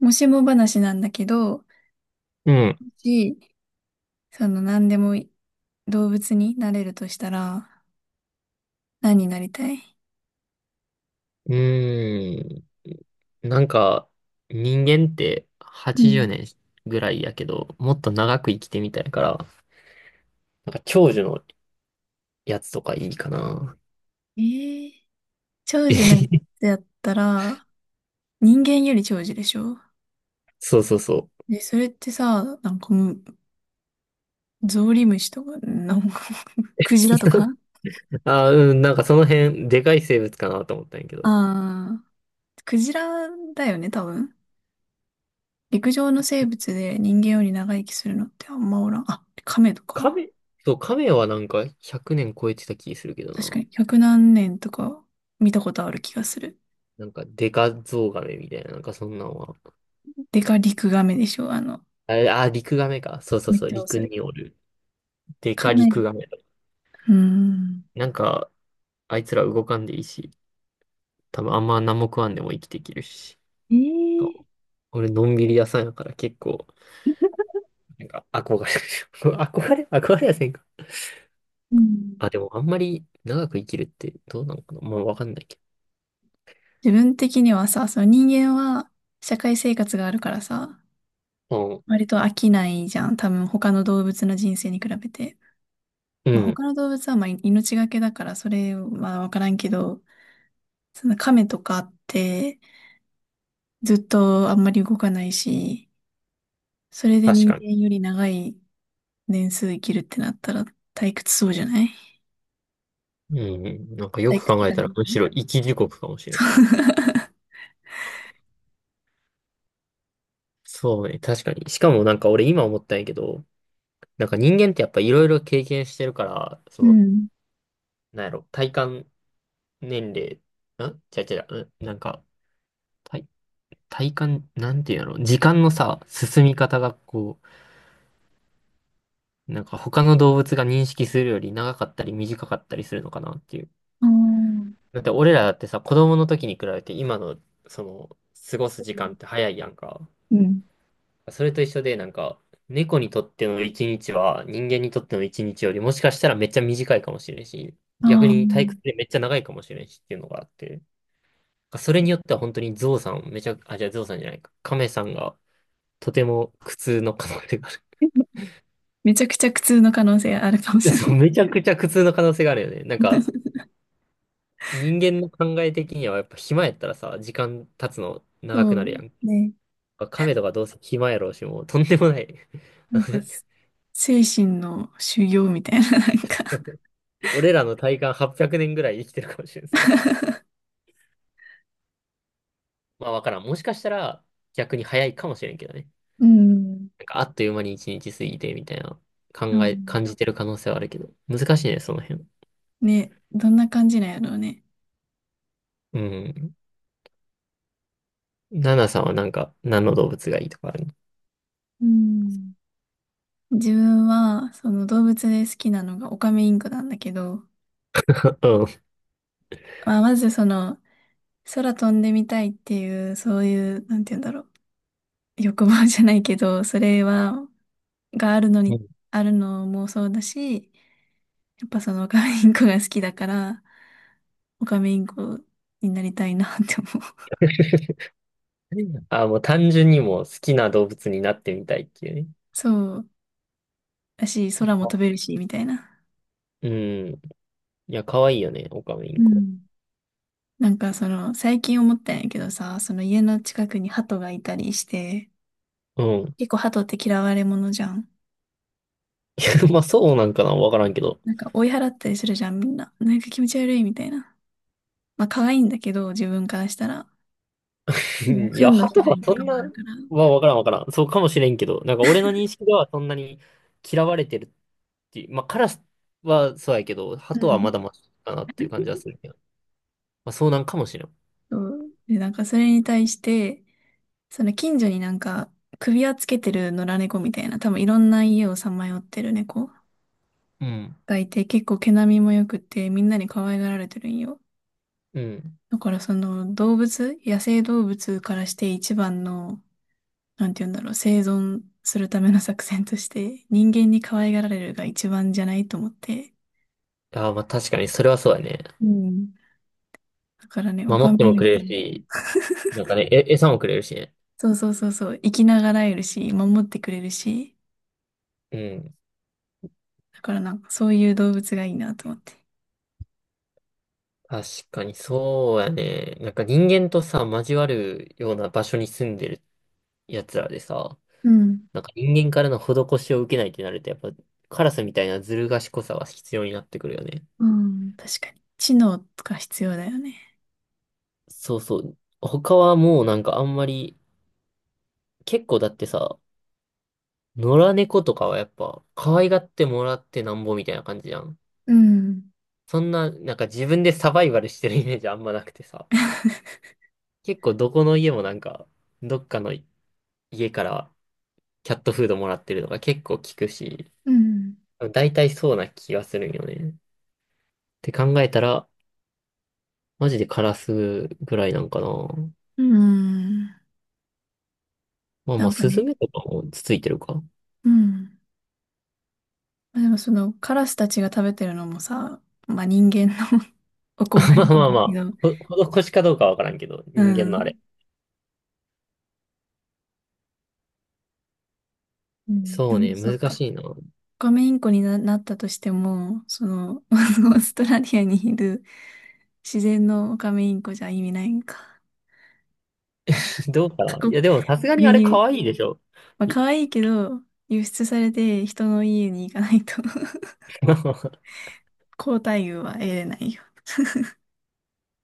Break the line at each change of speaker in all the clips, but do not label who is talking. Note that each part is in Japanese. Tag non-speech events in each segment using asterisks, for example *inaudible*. もしも話なんだけど、
うん。
し、その何でも動物になれるとしたら、何になりたい？
うーん。なんか、人間って
う
80
ん。
年ぐらいやけど、もっと長く生きてみたいから、なんか長寿のやつとかいいかな。
えー、長寿なん
*laughs*
てやったら、人間より長寿でしょ？
そうそうそう。
で、それってさ、なんかもう、ゾウリムシとか、なんか、クジラとか。
*laughs* あー、うん、なんかその辺、でかい生物かなと思ったんやけど。
ああ、クジラだよね、多分。陸上の生物で人間より長生きするのってあんまおらん。あ、カメとか。
亀。そう、亀はなんか100年超えてた気するけど
確か
な。
に、百何年とか見たことある気がする。
なんかデカゾウガメみたいな、なんかそんなんは。
でかリクガメでしょ。
あれ、あー、リクガメか。そうそう
めっ
そう、
ちゃ
陸
遅い。
におる。デ
か
カ
な
リ
り、
クガメ。
うーん。
なんか、あいつら動かんでいいし。多分あんま何も食わんでも生きていけるし。
え
そ
ー
う、俺、のんびり屋さんやから結構、なんか憧れる。*laughs* 憧れ憧れやせんか。
うん。
あ、でもあんまり長く生きるってどうなのかな、まあわかんないけ
自分的にはさ、その人間は社会生活があるからさ、
ど。
割と飽きないじゃん。多分他の動物の人生に比べて。
うん。
まあ、
うん。
他の動物はまあ命がけだからそれはわからんけど、その亀とかってずっとあんまり動かないし、それで
確
人
かに。
間より長い年数生きるってなったら退屈そうじゃない？
うんうん。なんかよ
退
く
屈
考え
がい
たら、
い。
むしろ生き地獄かもしれない。そうね、確かに。しかもなんか俺今思ったんやけど、なんか人間ってやっぱいろいろ経験してるから、そ
う
の、
ん。
なんやろ、体感年齢、んちゃうちゃう、うん、なんか、体体感、なんていうの、時間のさ、進み方がこう、なんか他の動物が認識するより長かったり短かったりするのかなっていう。
あー、
だって俺らだってさ、子供の時に比べて今の、その、過ごす時間って早いやんか。
うん。
それと一緒で、なんか、猫にとっての一日は人間にとっての一日よりもしかしたらめっちゃ短いかもしれんし、逆
あ
に退屈
あ。
でめっちゃ長いかもしれんしっていうのがあって、それによっては本当にゾウさん、めちゃ、あ、じゃあゾウさんじゃないか、カメさんがとても苦痛の可能性がある。
めちゃくちゃ苦痛の可能性あるかも
*laughs*
しれ
そ
な
う、
い。
めちゃくちゃ苦痛の可能性があるよね。なんか、
*laughs*
人間の考え的にはやっぱ暇やったらさ、時間経つの長
そ
くな
う
るやん。
ね。
亀とかどうせ暇やろうし、もうとんでもない。
なんか、精神の修行みたいな、なんか、
*laughs* 俺らの体感800年ぐらい生きてるかもしれん、そう。まあわからん。もしかしたら逆に早いかもしれんけどね。
うん。
なんかあっという間に1日過ぎてみたいな、考
あ、
え、感じてる可能性はあるけど。難しいね、その辺。
ね、どんな感じなんやろうね。
うん。ナナさんはなんか何の動物がいいとかあるの？
うん。自分は、その動物で好きなのがオカメインコなんだけど、
*laughs*
まあ、まずその、空飛んでみたいっていう、そういう、なんて言うんだろう。欲望じゃないけど、それはがあるの
う
に、
ん。
あるのもそうだし、やっぱそのオカメインコが好きだから、オカメインコになりたいなって思う。
*laughs* あ、もう単純にもう好きな動物になってみたいっていうね。
そうだし、空も飛べるし、みたいな。
うん。いや、可愛いよね、オカメイン
う
コ。
ん。なんかその、最近思ったんやけどさ、その家の近くに鳩がいたりして、
うん。
結構鳩って嫌われ者じゃん。
*laughs* まあ、そうなんかな、わからんけど。
なんか追い払ったりするじゃん、みんな。なんか気持ち悪いみたいな。まあ可愛いんだけど、自分からしたら。
*laughs*
もう、
うん、い
糞
や、
の
ハ
被
トは
害と
そ
か
ん
もあ
な、
るから。
まあ、わからんわからん。そうかもしれんけど、なんか俺の認識ではそんなに嫌われてるっていう、まあ、カラスはそうやけど、ハ
う
トはま
ん。
だマシかなっていう感じはするけど。まあ、そうなんかもしれん。
そう。で、なんかそれに対して、その近所になんか首輪つけてる野良猫みたいな、多分いろんな家をさまよってる猫
うん。
がいて、結構毛並みも良くてみんなに可愛がられてるんよ。
うん。
だからその動物、野生動物からして一番の、なんて言うんだろう、生存するための作戦として人間に可愛がられるが一番じゃないと思って。
ああ、まあ、確かに、それはそうやね。
うん。だからね、オ
守
カ
っ
メ
ても
イ
く
ン
れ
コ
る
も、
し、なんかね、餌もくれるしね。
そうそうそうそう、生きながらえるし、守ってくれるし、
うん。
だからなんかそういう動物がいいなと思って。
確かにそうやね。なんか人間とさ、交わるような場所に住んでる奴らでさ、
うん
なんか人間からの施しを受けないってなると、やっぱカラスみたいなずる賢さが必要になってくるよね。
うん、確かに。知能とか必要だよね。
そうそう。他はもうなんかあんまり、結構だってさ、野良猫とかはやっぱ可愛がってもらってなんぼみたいな感じじゃん。
うん。
そんな、なんか自分でサバイバルしてるイメージあんまなくてさ。
*laughs*
結構どこの家もなんか、どっかの家からキャットフードもらってるのが結構効くし、
うん。
大体そうな気がするんよね。って考えたら、マジでカラスぐらいなんかな。
うん。
まあ
な
まあ、
んか
スズ
ね、
メとかもつついてるか。
うん。まあでもそのカラスたちが食べてるのもさ、まあ人間の *laughs* お困
*laughs* まあ
りじゃ
まあ
ない
ま
けど、
あ、施しかどうかわからんけど、
う
人間のあれ。
ん。うん。で
そう
も
ね、
そっ
難
か。
しいな。*laughs*
オカメインコになったとしても、その、*laughs* オーストラリアにいる自然のオカメインコじゃ意味ないんか。
どうか
過
な。い
酷、
や、でもさすがにあ
輸
れ
入。
可愛いでしょ。
まあ
い
可愛いけど、輸出されて人の家に行かないと *laughs*
*laughs*
高待遇は得れないよ。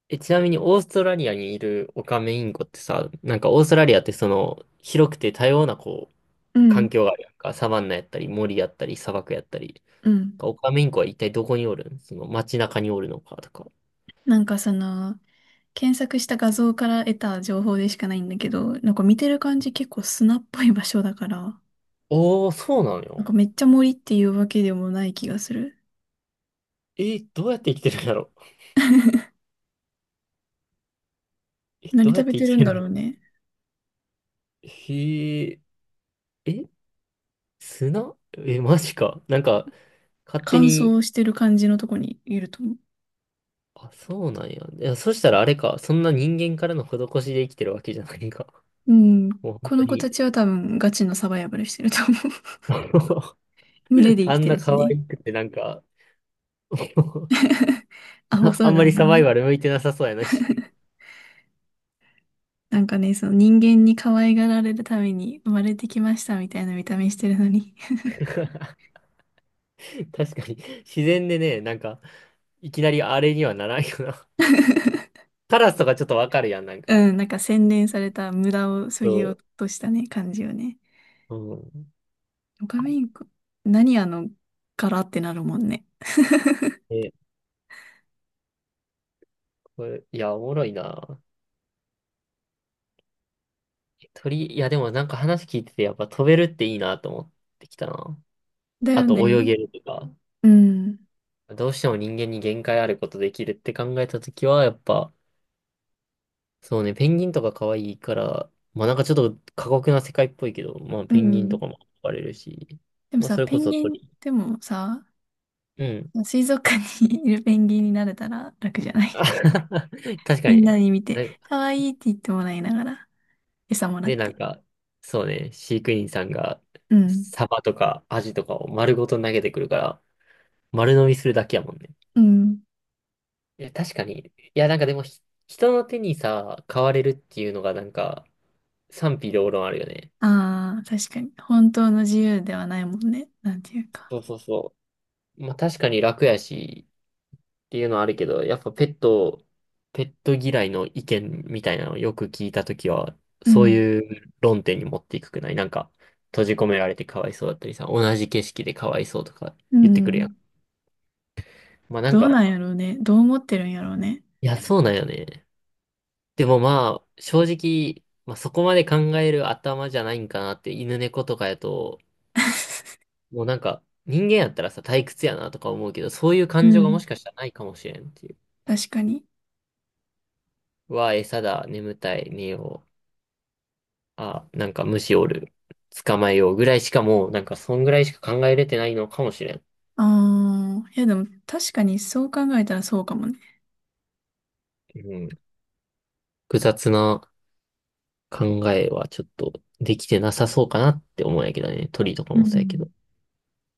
え、ちなみにオーストラリアにいるオカメインコってさ、なんかオーストラリアってその、広くて多様なこう、
う
環
ん、
境があるやんか。サバンナやったり、森やったり、砂漠やったり。
うん。
オカメインコは一体どこにおるん、その街中におるのかとか？
なんかその、検索した画像から得た情報でしかないんだけど、なんか見てる感じ結構砂っぽい場所だから、
おー、そうなの
なん
よ。
かめっちゃ森っていうわけでもない気がする。
え、どうやって生きてるんだろう。*laughs* え、ど
何
うや
食
っ
べ
て
て
生
る
き
ん
て
だ
るの？
ろうね。
へえ、え、砂、え、マジか。なんか、勝手
乾
に、
燥してる感じのとこにいると思う。
あ、そうなんや。いや、そしたらあれか。そんな人間からの施しで生きてるわけじゃないか。
うん。
*laughs* もう本
こ
当
の子た
に、
ちは多分ガチのサバイバルしてると思う。
*laughs*
*laughs* 群れで生
あ
き
ん
て
な
る
可
しね。
愛くてなんか、*laughs*
*laughs* アホ
あ、
そ
あ
う
んま
な
り
の
サバイ
にね。
バル向いてなさそうやのに。
*laughs* なんかね、その人間に可愛がられるために生まれてきましたみたいな見た目してるのに
*laughs* 確かに、自然でね、なんか、いきなりあれにはならんよな。
*laughs*
カラスとかちょっとわかるやん、なんか。
うん、なんか洗練された無駄を削
そ
ぎ落としたね、感じよね。
う。うん、
オカメインコ、何あの柄ってなるもんね。
え、これ、いや、おもろいな。鳥、いや、でもなんか話聞いてて、やっぱ飛べるっていいなと思ってきたな。
だ
あ
よ
と泳
ね。
げるとか。
うん。
どうしても人間に限界あることできるって考えたときは、やっぱ、そうね、ペンギンとか可愛いから、まあなんかちょっと過酷な世界っぽいけど、まあ
う
ペンギンと
ん。
かも憧れるし、
でも
まあ
さ、
それ
ペ
こ
ン
そ
ギン、
鳥。
でもさ、
うん。
水族館に *laughs* いるペンギンになれたら楽じゃない？
*laughs*
*laughs*
確か
み
に
んな
ね。
に見て、
な
可愛いって言ってもらいながら、餌もらっ
で、なん
て。
か、そうね、飼育員さんが、
うん。
サバとかアジとかを丸ごと投げてくるから、丸飲みするだけやもんね。
うん。
いや、確かに。いや、なんかでも人の手にさ、買われるっていうのが、なんか、賛否両論あるよね。
ああ、確かに。本当の自由ではないもんね。なんていうか。
そうそうそう。まあ、確かに楽やし、っていうのはあるけど、やっぱペット嫌いの意見みたいなのをよく聞いたときは、
う
そう
ん。
いう論点に持っていくくないなんか、閉じ込められてかわいそうだったりさ、同じ景色でかわいそうとか
う
言ってくるや
ん。
ん。まあなん
どうな
か、
んやろうね。どう思ってるんやろうね。
いや、そうなんよね。でもまあ、正直、まあそこまで考える頭じゃないんかなって、犬猫とかやと、もうなんか、人間やったらさ、退屈やなとか思うけど、そういう
う
感情がも
ん。
しかしたらないかもしれんっていう。
*laughs* 確かに。
うわ、餌だ、眠たい、寝よう。あ、なんか虫おる。捕まえようぐらいしかもう、なんかそんぐらいしか考えれてないのかもしれん。
ああ、いやでも確かにそう考えたらそうかもね。
うん。複雑な考えはちょっとできてなさそうかなって思うんやけどね。鳥とか
う
もそうやけど。
ん。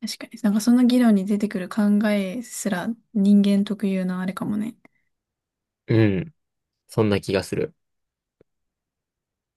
確かに。なんかその議論に出てくる考えすら人間特有のあれかもね。
うん。そんな気がする。